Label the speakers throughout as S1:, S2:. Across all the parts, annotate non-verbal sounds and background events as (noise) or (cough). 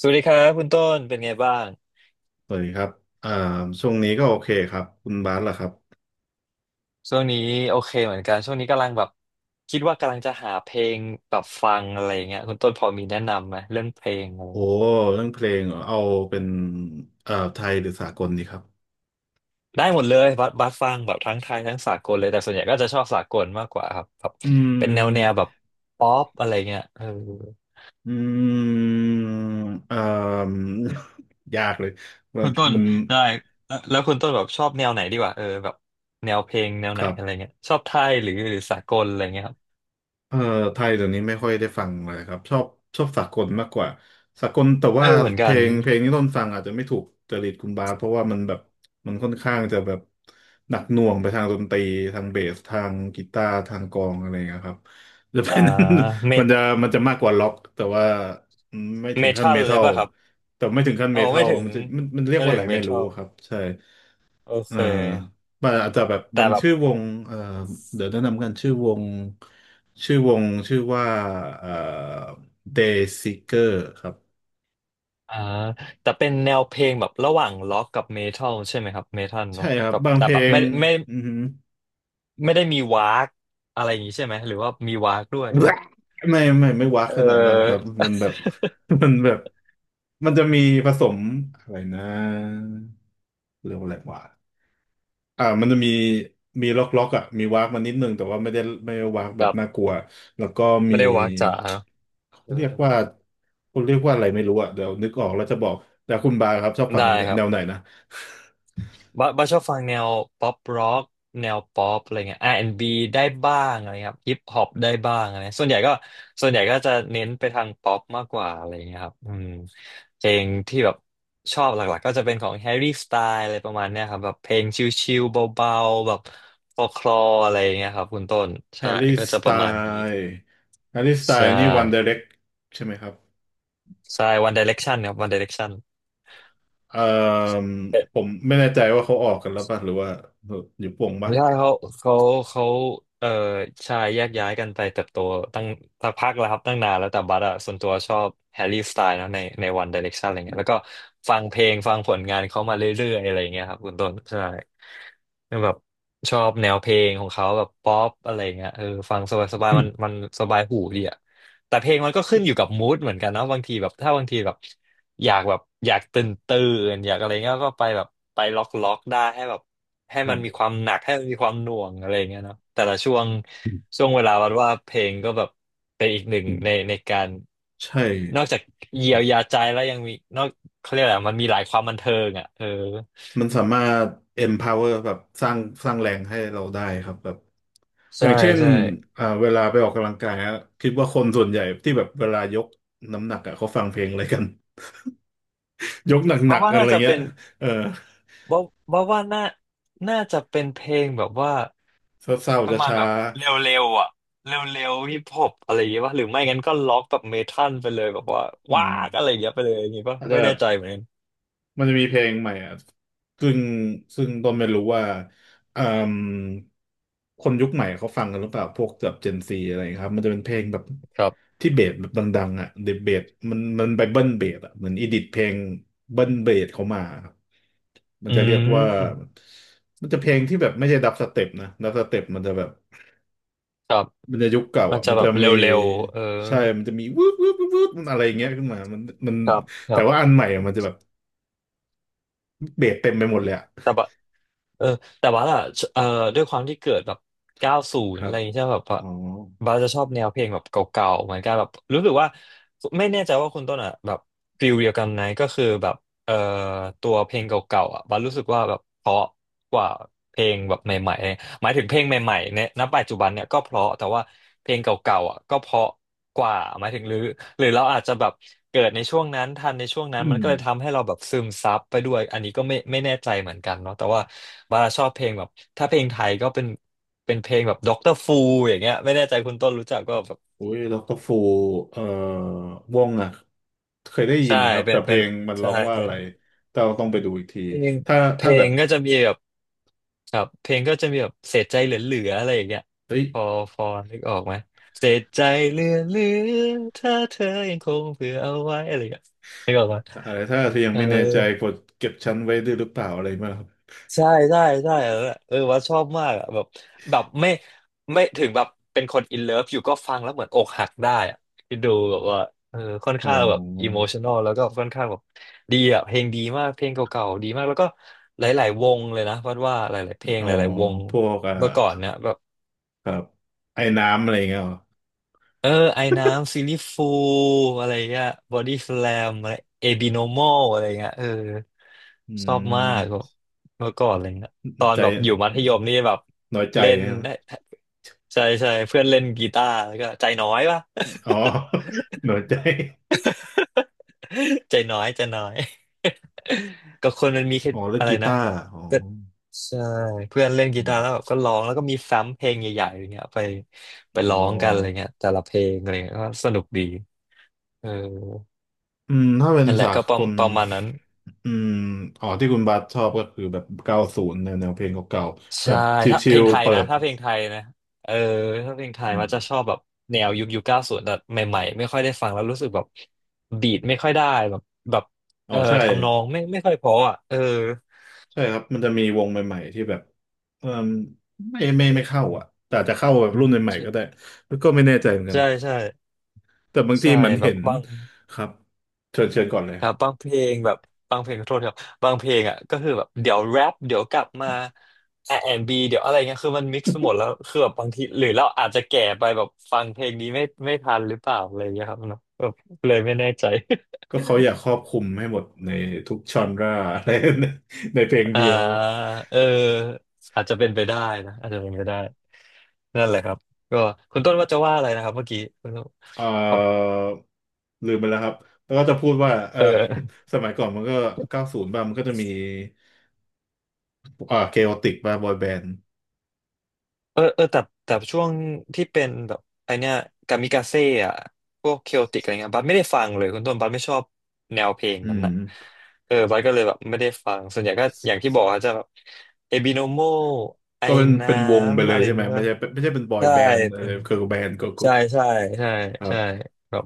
S1: สวัสดีครับคุณต้นเป็นไงบ้าง
S2: สวัสดีครับอ่าช่วงนี้ก็โอเคครับ คุณบาสล่ะครับ
S1: ช่วงนี้โอเคเหมือนกันช่วงนี้กำลังแบบคิดว่ากำลังจะหาเพลงแบบฟังอะไรอย่างเงี้ยคุณต้นพอมีแนะนำไหมเรื่องเพลงอะไร
S2: โอ้
S1: เงี้ย
S2: เรื่องเพลงเหรอเอาเป็นไทยหรือสากลดีครับ
S1: ได้หมดเลยบัสฟังแบบทั้งไทยทั้งสากลเลยแต่ส่วนใหญ่ก็จะชอบสากลมากกว่าครับแบบ
S2: อื
S1: เป็นแนวแบ
S2: ม
S1: บป๊อปอะไรเงี้ยเออ
S2: อืมเอ่ม (laughs) ยากเลย มั
S1: คุ
S2: น
S1: ณต้น
S2: มัน
S1: ได้แล้วคุณต้นแบบชอบแนวไหนดีกว่าเออแบบแนวเพลงแนว
S2: ค
S1: ไหน
S2: รั
S1: อะไร
S2: บ
S1: เงี้ยชอบไทยหรือสากลอะไรเงี้ยครับ
S2: เอ่อไทยเดี๋ยวนี้ไม่ค่อยได้ฟังเลยครับชอบสากลมากกว่าสากลแต่
S1: เอ
S2: ว่า
S1: อเหมือน
S2: เพ
S1: กั
S2: ล
S1: น
S2: งเพลงที่ต้นฟังอาจจะไม่ถูกจริตคุณบาสเพราะว่ามันแบบมันค่อนข้างจะแบบหนักหน่วงไปทางดนตรีทางเบสทางกีตาร์ทางกลองอะไรอย่างเงี้ยครับ (laughs) จะเป็
S1: อ่า
S2: น
S1: เม
S2: (laughs) มั
S1: ท
S2: นจะมันจะมากกว่าล็อกแต่ว่าไม่ถึ
S1: เม
S2: งขั้น
S1: ทั
S2: เม
S1: ลเล
S2: ทั
S1: ย
S2: ล
S1: ป่ะครับ
S2: แต่ไม่ถึงขั้น
S1: โอ้
S2: เมทั
S1: ไม่
S2: ล
S1: ถึง
S2: มันจะมันเรียก
S1: ไม่
S2: ว่า
S1: ถึ
S2: อะ
S1: ง
S2: ไร
S1: เม
S2: ไม่
S1: ทั
S2: รู้
S1: ล
S2: ครับใช่
S1: โอ
S2: เอ
S1: เค
S2: อมันอาจจะแบบมั
S1: แต่
S2: น
S1: แบบ
S2: ชื่อวงเออเดี๋ยวแนะนำกันชื่อวงชื่อว่าเออ Day Seeker ครับ
S1: อ่าแต่เป็นแนวเพลงแบบระหว่างล็อกกับเมทัลใช่ไหมครับเมทัล
S2: ใช่
S1: เนาะ
S2: ครับ
S1: แบบ
S2: บาง
S1: แต่
S2: เพล
S1: แบบ
S2: ง
S1: ไม่ไม่
S2: อือฮึ
S1: ไม่ได้มีวากอะไรอย่างงี้ใช่ไหมหรือว่ามีวากด้วยหรือ
S2: แบะไม่ไม่ว้า
S1: เ
S2: ขนาดนั้นครั
S1: ออ
S2: บมันแบบ (laughs) มันแบบมันจะมีผสมอะไรนะเรียกว่าอะไรวะมันจะมีล็อกอ่ะมีว้ากมานิดนึงแต่ว่าไม่ได้ว้าก
S1: (laughs) ค
S2: แบบ
S1: รับ
S2: น่ากลัวแล้วก็มี
S1: ไม่ได้วากจ๋าเนอะ
S2: เขา
S1: เออ
S2: เรียกว่าเขาเรียกว่าอะไรไม่รู้อ่ะเดี๋ยวนึกออกแล้วจะบอกแต่คุณบาครับชอบฟั
S1: ได้
S2: ง
S1: ครั
S2: แนวไหน
S1: บ
S2: นะ
S1: บ้าชอบฟังแนวป๊อปร็อกแนวป๊อปอะไรเงี้ยอาร์แอนด์บ b ได้บ้างอะไรครับฮิปฮอปได้บ้างอะไรส่วนใหญ่ก็จะเน้นไปทางป๊อปมากกว่าอะไรเงี้ยครับอืมเพลงที่แบบชอบหลักๆก็จะเป็นของแฮร์รี่สไตล์อะไรประมาณเนี้ยครับแบบเพลงชิลๆเบาๆแบบฟอคลออะไรเงี้ยครับคุณต้น
S2: แฮ
S1: ใช่
S2: ร์รี่
S1: ก็
S2: ส
S1: จะ
S2: ไต
S1: ประมาณนี้
S2: ล์
S1: ใช่
S2: นี่วันไดเรกใช่ไหมครับ
S1: ใช่ One Direction ครับ One Direction
S2: เอ่อผมไม่แน่ใจว่าเขาออกกันแล้วป่ะหรือว่าอยู่ป่วง
S1: ไม่
S2: ป่ะ
S1: ใช่เขาเขาเอ่อชายแยกย้ายกันไปเติบโตตั้งสักพักแล้วครับตั้งนานแล้วแต่บัสอะส่วนตัวชอบแฮร์รี่สไตล์นะในวันไดเรกชันอะไรเงี้ยแล้วก็
S2: อ
S1: ฟังผลงานเขามาเรื่อยๆอะไรเงี้ยครับคุณต้นใช่แบบชอบแนวเพลงของเขาแบบป๊อปอะไรเงี้ยเออฟังสบาย
S2: ื
S1: ๆมั
S2: ม
S1: นมันสบายหูดีอะแต่เพลงมันก็ขึ้นอยู่กับมูดเหมือนกันนะบางทีแบบถ้าบางทีแบบอยากแบบอยากตื่นอยากอะไรเงี้ยก็ไปแบบไปล็อกได้ให้แบบ ให้
S2: ครั
S1: มันมี
S2: บ
S1: ความหนักให้มันมีความหน่วงอะไรอย่างเงี้ยเนาะแต่ละช่วง
S2: อืม
S1: ช่วงเวลาวัดว่าเพลงก็แบบเป็นอีกหนึ่ง
S2: อืม
S1: ในการ
S2: ใช่
S1: นอกจากเยียวยาใจแล้วยังมีนอกเขาเรียกอะไรมันมีหลายความบันเทิงอ่ะเออ
S2: มันสามารถ empower แบบสร้างแรงให้เราได้ครับแบบอ
S1: ใช่
S2: ย่างเช่น
S1: ใช่
S2: เวลาไปออกกำลังกายอะคิดว่าคนส่วนใหญ่ที่แบบเวลายกน้ำหนักอะเขาฟังเพลงอะไรกัน (laughs) ยกห
S1: บ้า
S2: นักๆ
S1: ว่า
S2: กันอะ
S1: น่า
S2: ไร
S1: จะ
S2: เงี้
S1: เป็
S2: ย
S1: น
S2: เออ
S1: บ้าบ้าว่าน่าจะเป็นเพลงแบบว่า
S2: เศร้า
S1: ป
S2: ๆ
S1: ระ
S2: จะ
S1: มาณ
S2: ช้า
S1: แบบเร็วๆอ่ะเร็วๆฮิปฮอปอะไรอย่างเงี้ยป่ะหรือไม่งั้นก็ล็อกแบบเมทัลไปเลยแบบว่า
S2: ๆอื
S1: ว้า
S2: ม
S1: กอะไรอย่างเงี้ยไปเลยอย่างงี้ป่ะ
S2: อาจจะ
S1: ไม่
S2: แบ
S1: แน่
S2: บ
S1: ใจเหมือนกัน
S2: มันจะมีเพลงใหม่อ่ะซึ่งต้นไม่รู้ว่าเอ่มคนยุคใหม่เขาฟังกันหรือเปล่าพวกแบบเจนซีอะไรครับมันจะเป็นเพลงแบบ
S1: ครับ
S2: ที่เบสแบบดังๆอ่ะเดเบสมันไปเบิ้ลเบสอ่ะเหมือนอีดิทเพลงเบิ้ลเบสเขามาครับมัน
S1: อื
S2: จะเรียกว่า
S1: ม
S2: มันจะเพลงที่แบบไม่ใช่ดับสเต็ปนะดับสเต็ปมันจะแบบ
S1: ครับ
S2: มันจะยุคเก่า
S1: มัน
S2: อ่ะ
S1: จะ
S2: มัน
S1: แบ
S2: จะ
S1: บเร
S2: มี
S1: ็วๆเออ
S2: ใช่มันจะมีวืบวืบวืบวืบมันอะไรอย่างเงี้ยขึ้นมามัน
S1: ครับค
S2: แต่
S1: รั
S2: ว่าอั
S1: บ
S2: นใหม่อะมันจะแบบเบสเต็มไปหมดเลยอะ
S1: แต่ว่าเออแต่ว่าล่ะเออด้วยความที่เกิดแบบเก้าศูน
S2: ค
S1: ย์
S2: รั
S1: อะ
S2: บ
S1: ไรอย่างเงี้ยมแบบว่า
S2: อ๋อ
S1: บาส
S2: (clears throat)
S1: จะชอบแนวเพลงแบบเก่าๆ เหมือนกันแบบรู้สึกว่าไม่แน่ใจว่าคุณต้นอ่ะแบบฟิลเดียวกันไหมก็คือแบบเออตัวเพลงเก่าๆอ่ะบาสรู้สึกว่าแบบเพราะกว่าเพลงแบบใหม่ๆ หมายถึงเพลงใหม่ๆเนี่ยณปัจจุบันเนี่ยก็เพราะแต่ว่าเพลงเก่าๆอ่ะก็เพราะกว่าหมายถึงหรือเราอาจจะแบบเกิดในช่วงนั้นทันในช่วงนั้
S2: อื
S1: นมัน
S2: ม
S1: ก็เลยทำให้เราแบบซึมซับไปด้วยอันนี้ก็ไม่แน่ใจเหมือนกันเนาะแต่ว่าบาราชอบเพลงแบบถ้าเพลงไทยก็เป็นเพลงแบบด็อกเตอร์ฟูอย่างเงี้ยไม่แน่ใจคุณต้นรู้จักก็แบบ
S2: อุ้ยดรฟูเอ่อวงอ่ะเคยได้ยิ
S1: ใช่
S2: นครับ
S1: เป็
S2: แต่
S1: น
S2: เพ
S1: เป็
S2: ล
S1: น
S2: งมันร้
S1: ใช่
S2: องว่าอะ
S1: เป็
S2: ไร
S1: น
S2: แต่เราต้องไปดูอีกที
S1: เพลง
S2: ถ้า
S1: เพล
S2: แบ
S1: ง
S2: บ
S1: ก็จะมีแบบครับเพลงก็จะมีแบบเสียใจเหลือๆอะไรอย่างเงี้ย
S2: เฮ้ย
S1: พอพอนึกออกไหมเสียใจเหลือๆถ้าเธอยังคงเผื่อเอาไว้อะไรอย่างเงี้ย
S2: อะไรถ้าเธอยัง
S1: เ
S2: ไม่แน่ใจ
S1: ออ
S2: กดเก็บฉันไว้ด้วยหรือเปล่าอะไรมางครับ
S1: ใช่ใช่ใช่เออเออว่าชอบมากอะแบบแบบไม่ถึงแบบเป็นคนอินเลิฟอยู่ก็ฟังแล้วเหมือนอกหักได้อะคดูแบบว่าเออค่อน
S2: อ๋
S1: ข้างแบบอิ
S2: อ
S1: โมชัน a ลแล้วก็ค่อนข้างแบบดีอะเพลงดีมากเพลงเก่าๆดีมากแล้วก็หลายๆวงเลยนะวัดว่าหลายๆเพลง
S2: อ๋อ
S1: หลายๆวง
S2: พวกอ่ะ
S1: เมื่อก่อนเนี่ยแบบ
S2: ครับไอ้น้ำอะไรเงี้ยเหรอ
S1: เออไอน้ำซีรีฟูอะไรเงี้ยบอดี้สแลมอะไรเอบิโนมอลอะไรเงี้ยเออ
S2: อื
S1: ชอบมากแบบ
S2: ม
S1: เมื่อก่อนอะไรเงี้ย
S2: ใ
S1: ตอนแบบอยู่
S2: จ
S1: มัธยมนี่แบบ
S2: น้อยใจ
S1: เล่น
S2: นะ
S1: ได้ใช่ใช่เพื่อนเล่นกีตาร์แล้วก็ใจน้อยปะ
S2: อ๋อ (laughs) น้อยใจ
S1: (laughs) ใจน้อย (laughs) ก็คนมันมีแค่
S2: อ๋อเล่น
S1: อะไร
S2: กี
S1: นะ
S2: ตาร์อ๋อ
S1: ก็ใช่เพื่อนเล่นกี
S2: อื
S1: ตา
S2: ม
S1: ร์แล้วแบบก็ร้องแล้วก็มีซ้ำเพลงใหญ่ๆอย่างเงี้ยไปไป
S2: อ๋
S1: ร้องกันอะไร
S2: อ
S1: เงี้ยแต่ละเพลงอะไรเงี้ยก็สนุกดีเออ
S2: อืมถ้าเป็น
S1: นั่นแหละ
S2: สา
S1: ก็
S2: กล
S1: ประมาณนั้น
S2: อืมอ๋อที่คุณบัสชอบก็คือแบบเก้าศูนย์แนวเพลงเก่าๆแบ
S1: ใช่
S2: บ
S1: ถ้า
S2: ชิ
S1: เพล
S2: ล
S1: งไท
S2: ๆ
S1: ย
S2: เปิ
S1: นะ
S2: ด
S1: ถ้าเพลงไทยนะเออถ้าเพลงไทย
S2: อื
S1: มั
S2: ม
S1: นจะชอบแบบแนวยุคเก้าศูนย์แบบใหม่ๆไม่ค่อยได้ฟังแล้วรู้สึกแบบบีทไม่ค่อยได้แบบแบบ
S2: อ๋อ
S1: เออ
S2: ใช่
S1: ทำนองไม่ค่อยเพออ่ะเออ
S2: ใช่ครับมันจะมีวงใหม่ๆที่แบบเอมไม่ไม่เข้าอ่ะแต่อาจจะเข้าแบบรุ่นใหม่ๆก็ได้แล้วก็ไม่แน่ใจเหมือนกัน
S1: ใช่ใช่
S2: แต่บางที
S1: ใช่
S2: เหมือน
S1: แบ
S2: เห็
S1: บ
S2: น
S1: บาง
S2: ครับเชิญก่อนเลย
S1: ครับบางเพลงแบบบางเพลงขอโทษครับบางเพลงอ่ะก็คือแบบเดี๋ยวแรปเดี๋ยวกลับมา r ีเดี๋ยวอะไรเงี้ยคือมันมิกซ์หมดแล้วคือแบบบางทีหรือเราอาจจะแก่ไปแบบฟังเพลงนี้ไม่ทันหรือเปล่าอะไรเงี้ยครับเนาะแบบเลยไม่แน่ใจ
S2: ก็เขาอยากครอบคลุมให้หมดในทุกชอนร่าอะไร (laughs) ในเพลง
S1: (laughs) อ่า
S2: เดียว
S1: เอออาจจะเป็นไปได้นะอาจจะเป็นไปได้นั่นแหละครับก็คุณต้นว่าจะว่าอะไรนะครับเมื่อกี้คุณต้น
S2: เอ่
S1: ครับ
S2: อลืมไปแล้วครับแล้วก็จะพูดว่าเออ
S1: เออ
S2: (laughs) สมัยก่อนมันก็เก้าศูนย์บ้างมันก็จะมีเคโอติกบ้างบอยแบนด์
S1: เออเออแต่แต่ช่วงที่เป็นแบบไอเนี้ยกามิกาเซ่อะพวกเคโอติกอะไรเงี้ยบัสไม่ได้ฟังเลยคุณต้นบัสไม่ชอบแนวเพลง
S2: อื
S1: นั้น
S2: ม
S1: นะเออบัสก็เลยแบบไม่ได้ฟังส่วนใหญ่ก็อย่างที่บอกอะจะแบบเอบิโนโมไอ
S2: ก็เป็น
S1: น้
S2: วงไป
S1: ำ
S2: เล
S1: อะ
S2: ย
S1: ไร
S2: ใช่ไหม
S1: นี้
S2: ไม่
S1: ป่ะ
S2: ใช่เป็นบอย
S1: ใช่
S2: แบนด์อะ
S1: เป็
S2: ไร
S1: น
S2: เกิร์ลแบนด์เกิร์ลกรุ๊
S1: ใช่
S2: ป
S1: ใช่ใช่
S2: ครั
S1: ใช่
S2: บ
S1: แบบ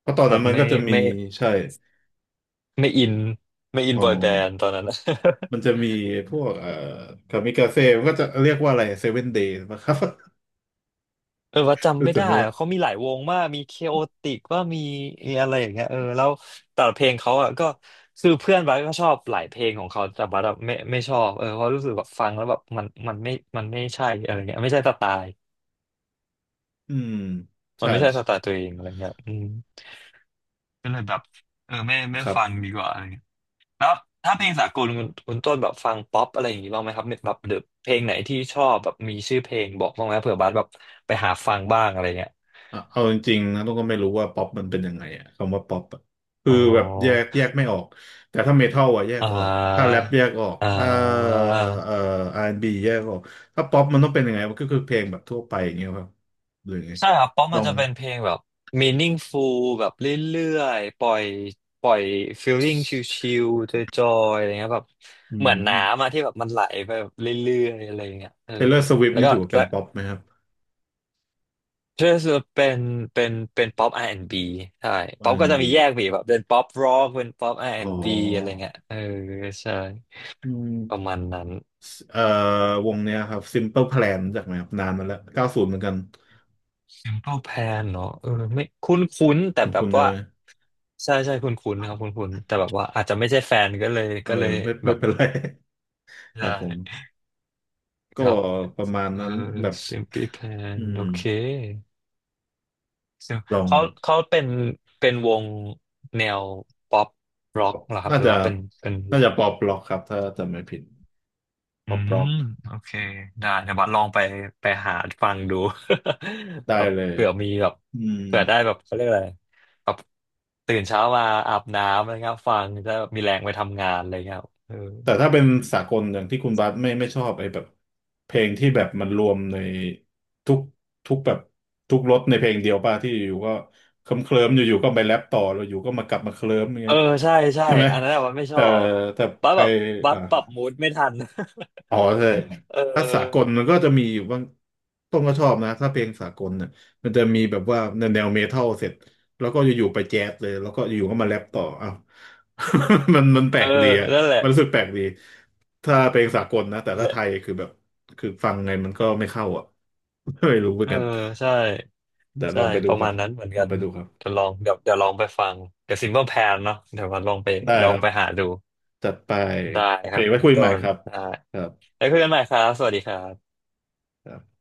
S2: เพราะตอน
S1: แบ
S2: นั้
S1: บ
S2: นมัน
S1: ไม่
S2: ก็จะมี
S1: ไม่
S2: ใช่
S1: ไม่อินไม่อิน
S2: อ๋อ
S1: บอยแบนด์ตอนนั้นนะ
S2: มันจะมีพวกคามิกาเซ่มันก็จะเรียกว่าอะไรเซเว่นเดย์นะครับ (laughs)
S1: เออว่าจำ
S2: รู้
S1: ไม่
S2: จัก
S1: ได้
S2: ไหม
S1: อะเขา
S2: วะ
S1: มีหลายวงมากมีเคโอติกว่ามีมีอะไรอย่างเงี้ยเออแล้วแต่ละเพลงเขาอ่ะก็คือเพื่อนบัสก็ชอบหลายเพลงของเขาแต่บัสอะไม่ชอบเออเพราะรู้สึกแบบฟังแล้วแบบมันไม่มันไม่ใช่อะไรเงี้ยไม่ใช่สไตล์
S2: อืม
S1: มัน
S2: ใช่
S1: ไม่ใช่สไตล์ตัวเองอะไรเงี้ยอืมก็เลยแบบเออไม่
S2: ครั
S1: ฟัง
S2: บ
S1: ดีกว่าอะไรเงี้ยแล้วถ้าเพลงสากลคุณต้นแบบฟังป๊อปอะไรอย่างงี้บ้างไหมครับแบบหรือเพลงไหนที่ชอบแบบมีชื่อเพลงบอกบ้างไหมเผื่อบัสแบบไปหาฟังบ้างอะไรเงี้ย
S2: เอาจริงๆนะต้องก็ไม่รู้ว่าป๊อปมันเป็นยังไงอะคำว่าป๊อปอะคือ
S1: อ๋อ
S2: แบบแยกไม่ออกแต่ถ้าเมทัลอะแยก
S1: อ่
S2: ออกถ้าแร
S1: า
S2: ปแยกออก
S1: อ่
S2: ถ้า
S1: า
S2: เอ่อ R&B แอนด์บีแยกออกถ้าป๊อปมันต้องเป็นยังไงมันก็คือเพลงแบบทั่วไปอย่างเงี้ยครับหรือไง
S1: ใช่ครับเพราะ
S2: ล
S1: มั
S2: อ
S1: น
S2: ง
S1: จะเป็นเพลงแบบ meaningful แบบเรื่อยๆปล่อยปล่อย feeling ชิลๆจอยๆอะไรเงี้ยแบบ
S2: อื
S1: เหมือ
S2: ม
S1: นน้ำอะที่แบบมันไหลไปแบบเรื่อยๆอะไรเงี้ยเออ
S2: Taylor Swift
S1: แล้ว
S2: นี่
S1: ก็
S2: ถือว่าเป็
S1: แล้
S2: น
S1: ว
S2: ป๊อปไหมครับ
S1: ก็จะเป็นเป็นป๊อป R&B ใช่ป๊อปก็จะมี
S2: R&B อน
S1: แย
S2: ด์
S1: ก
S2: บี
S1: ไปอีกแบบเป็นป๊อปร็อกเป็นป๊อป
S2: อ๋
S1: R&B อนด์บีอะไร
S2: อ
S1: เงี้ยเออใช่
S2: อื
S1: ประ
S2: ม
S1: มาณนั้น
S2: เอ่อวงเนี้ยครับ Simple Plan รู้จากไหมครับนานมาแล้วเก้าศูนย์เหมือนกัน
S1: Temple Plan เนาะเออไม่คุ้นคุ้นแต่
S2: คุณ
S1: แบบ
S2: ใช่
S1: ว่า
S2: ไหม
S1: ใช่ใช่คุ้นคุ้นนะครับคุ้นคุ้นแต่แบบว่าอาจจะไม่ใช่แฟนก็เลย
S2: เออไม่
S1: แบ
S2: ไม่
S1: บ
S2: เป็นไร (laughs) ค
S1: ได้
S2: รับผม
S1: ค
S2: ก็
S1: รับ
S2: ประมาณ
S1: เออ
S2: นั้นแบบ
S1: Simply Plan
S2: อื
S1: โอ
S2: ม
S1: เคซึ่ง
S2: ลอง
S1: เขาเขาเป็นเป็นวงแนวป๊อปร็อกเหรอครับ
S2: น่า
S1: หรือ
S2: จะ
S1: ว่าเป็นเป็น
S2: น่าจะปอบล็อกครับถ้าจำไม่ผิดป
S1: อื
S2: อบล็
S1: ม
S2: อก
S1: โอเคได้เดี๋ยวบัดลองไปไปหาฟังดู (laughs)
S2: ได้
S1: แบบ
S2: เลย
S1: เผื่อมีแบบ
S2: อืม
S1: เผื่อได้แบบเขาเรียกอะไรแบบตื่นเช้ามาอาบน้ำอะไรเงี้ยฟังจะได้แบบมีแรงไปทำงานอะไรเงี้ยเออ
S2: แต่ถ้าเป็นสากลอย่างที่คุณบัสไม่ไม่ชอบไอ้แบบเพลงที่แบบมันรวมในทุกแบบทุกรสในเพลงเดียวป่ะที่อยู่ก็เคลิ้มเคลิมอยู่ๆก็ไปแรปต่อแล้วอยู่ก็มากลับมาเคลิ้ม
S1: เอ
S2: เงี้
S1: อ
S2: ย
S1: ใช่ใช่
S2: ใช่ไหม
S1: อันนั้นอะบัดไม่ช
S2: แต่
S1: อบ
S2: แต่
S1: บัด
S2: ไอ
S1: แบบบัด
S2: อ่า
S1: ปรับมูดไม่ทัน (laughs)
S2: อ๋อใช่
S1: เออ
S2: ถ้าสากลมันก็จะมีอยู่บ้างต้นก็ชอบนะถ้าเพลงสากลเนี่ยมันจะมีแบบว่าแนวเมทัลเสร็จแล้วก็อยู่ๆไปแจ๊สเลยแล้วก็อยู่ๆก็มาแรปต่ออ้าว (laughs) มันแปล
S1: เอ
S2: กดี
S1: อ
S2: อะ
S1: นั่นแหละ
S2: มันรู้สึกแปลกดีถ้าเพลงสากลนะแต่
S1: นั่น
S2: ถ้า
S1: แห
S2: ไท
S1: ละ
S2: ยคือแบบคือฟังไงมันก็ไม่เข้าอ่ะ (laughs) ไม่รู้เหมือ
S1: เอ
S2: น
S1: อ
S2: กัน
S1: ใช่
S2: เดี๋ยวล
S1: ใช่
S2: องไปดู
S1: ประ
S2: ครั
S1: มา
S2: บ
S1: ณนั้นเหมือน
S2: ล
S1: กั
S2: อง
S1: น
S2: ไปดูครับ
S1: เดี๋ยวลองเดี๋ยวเดี๋ยวลองไปฟังเดี๋ยว Simple Plan เนาะเดี๋ยวบัดลองไป
S2: ได้
S1: ลอ
S2: ค
S1: ง
S2: รับ
S1: ไปหาดู
S2: จัดไป
S1: ได้
S2: โอ
S1: ค
S2: เค
S1: รับคุ
S2: ไว้
S1: ณ
S2: คุยให
S1: ต้
S2: ม่
S1: น
S2: ครับ
S1: ได้
S2: ครับ
S1: แล้วคุยกันใหม่ครับ สวัสดีครับ
S2: ครับ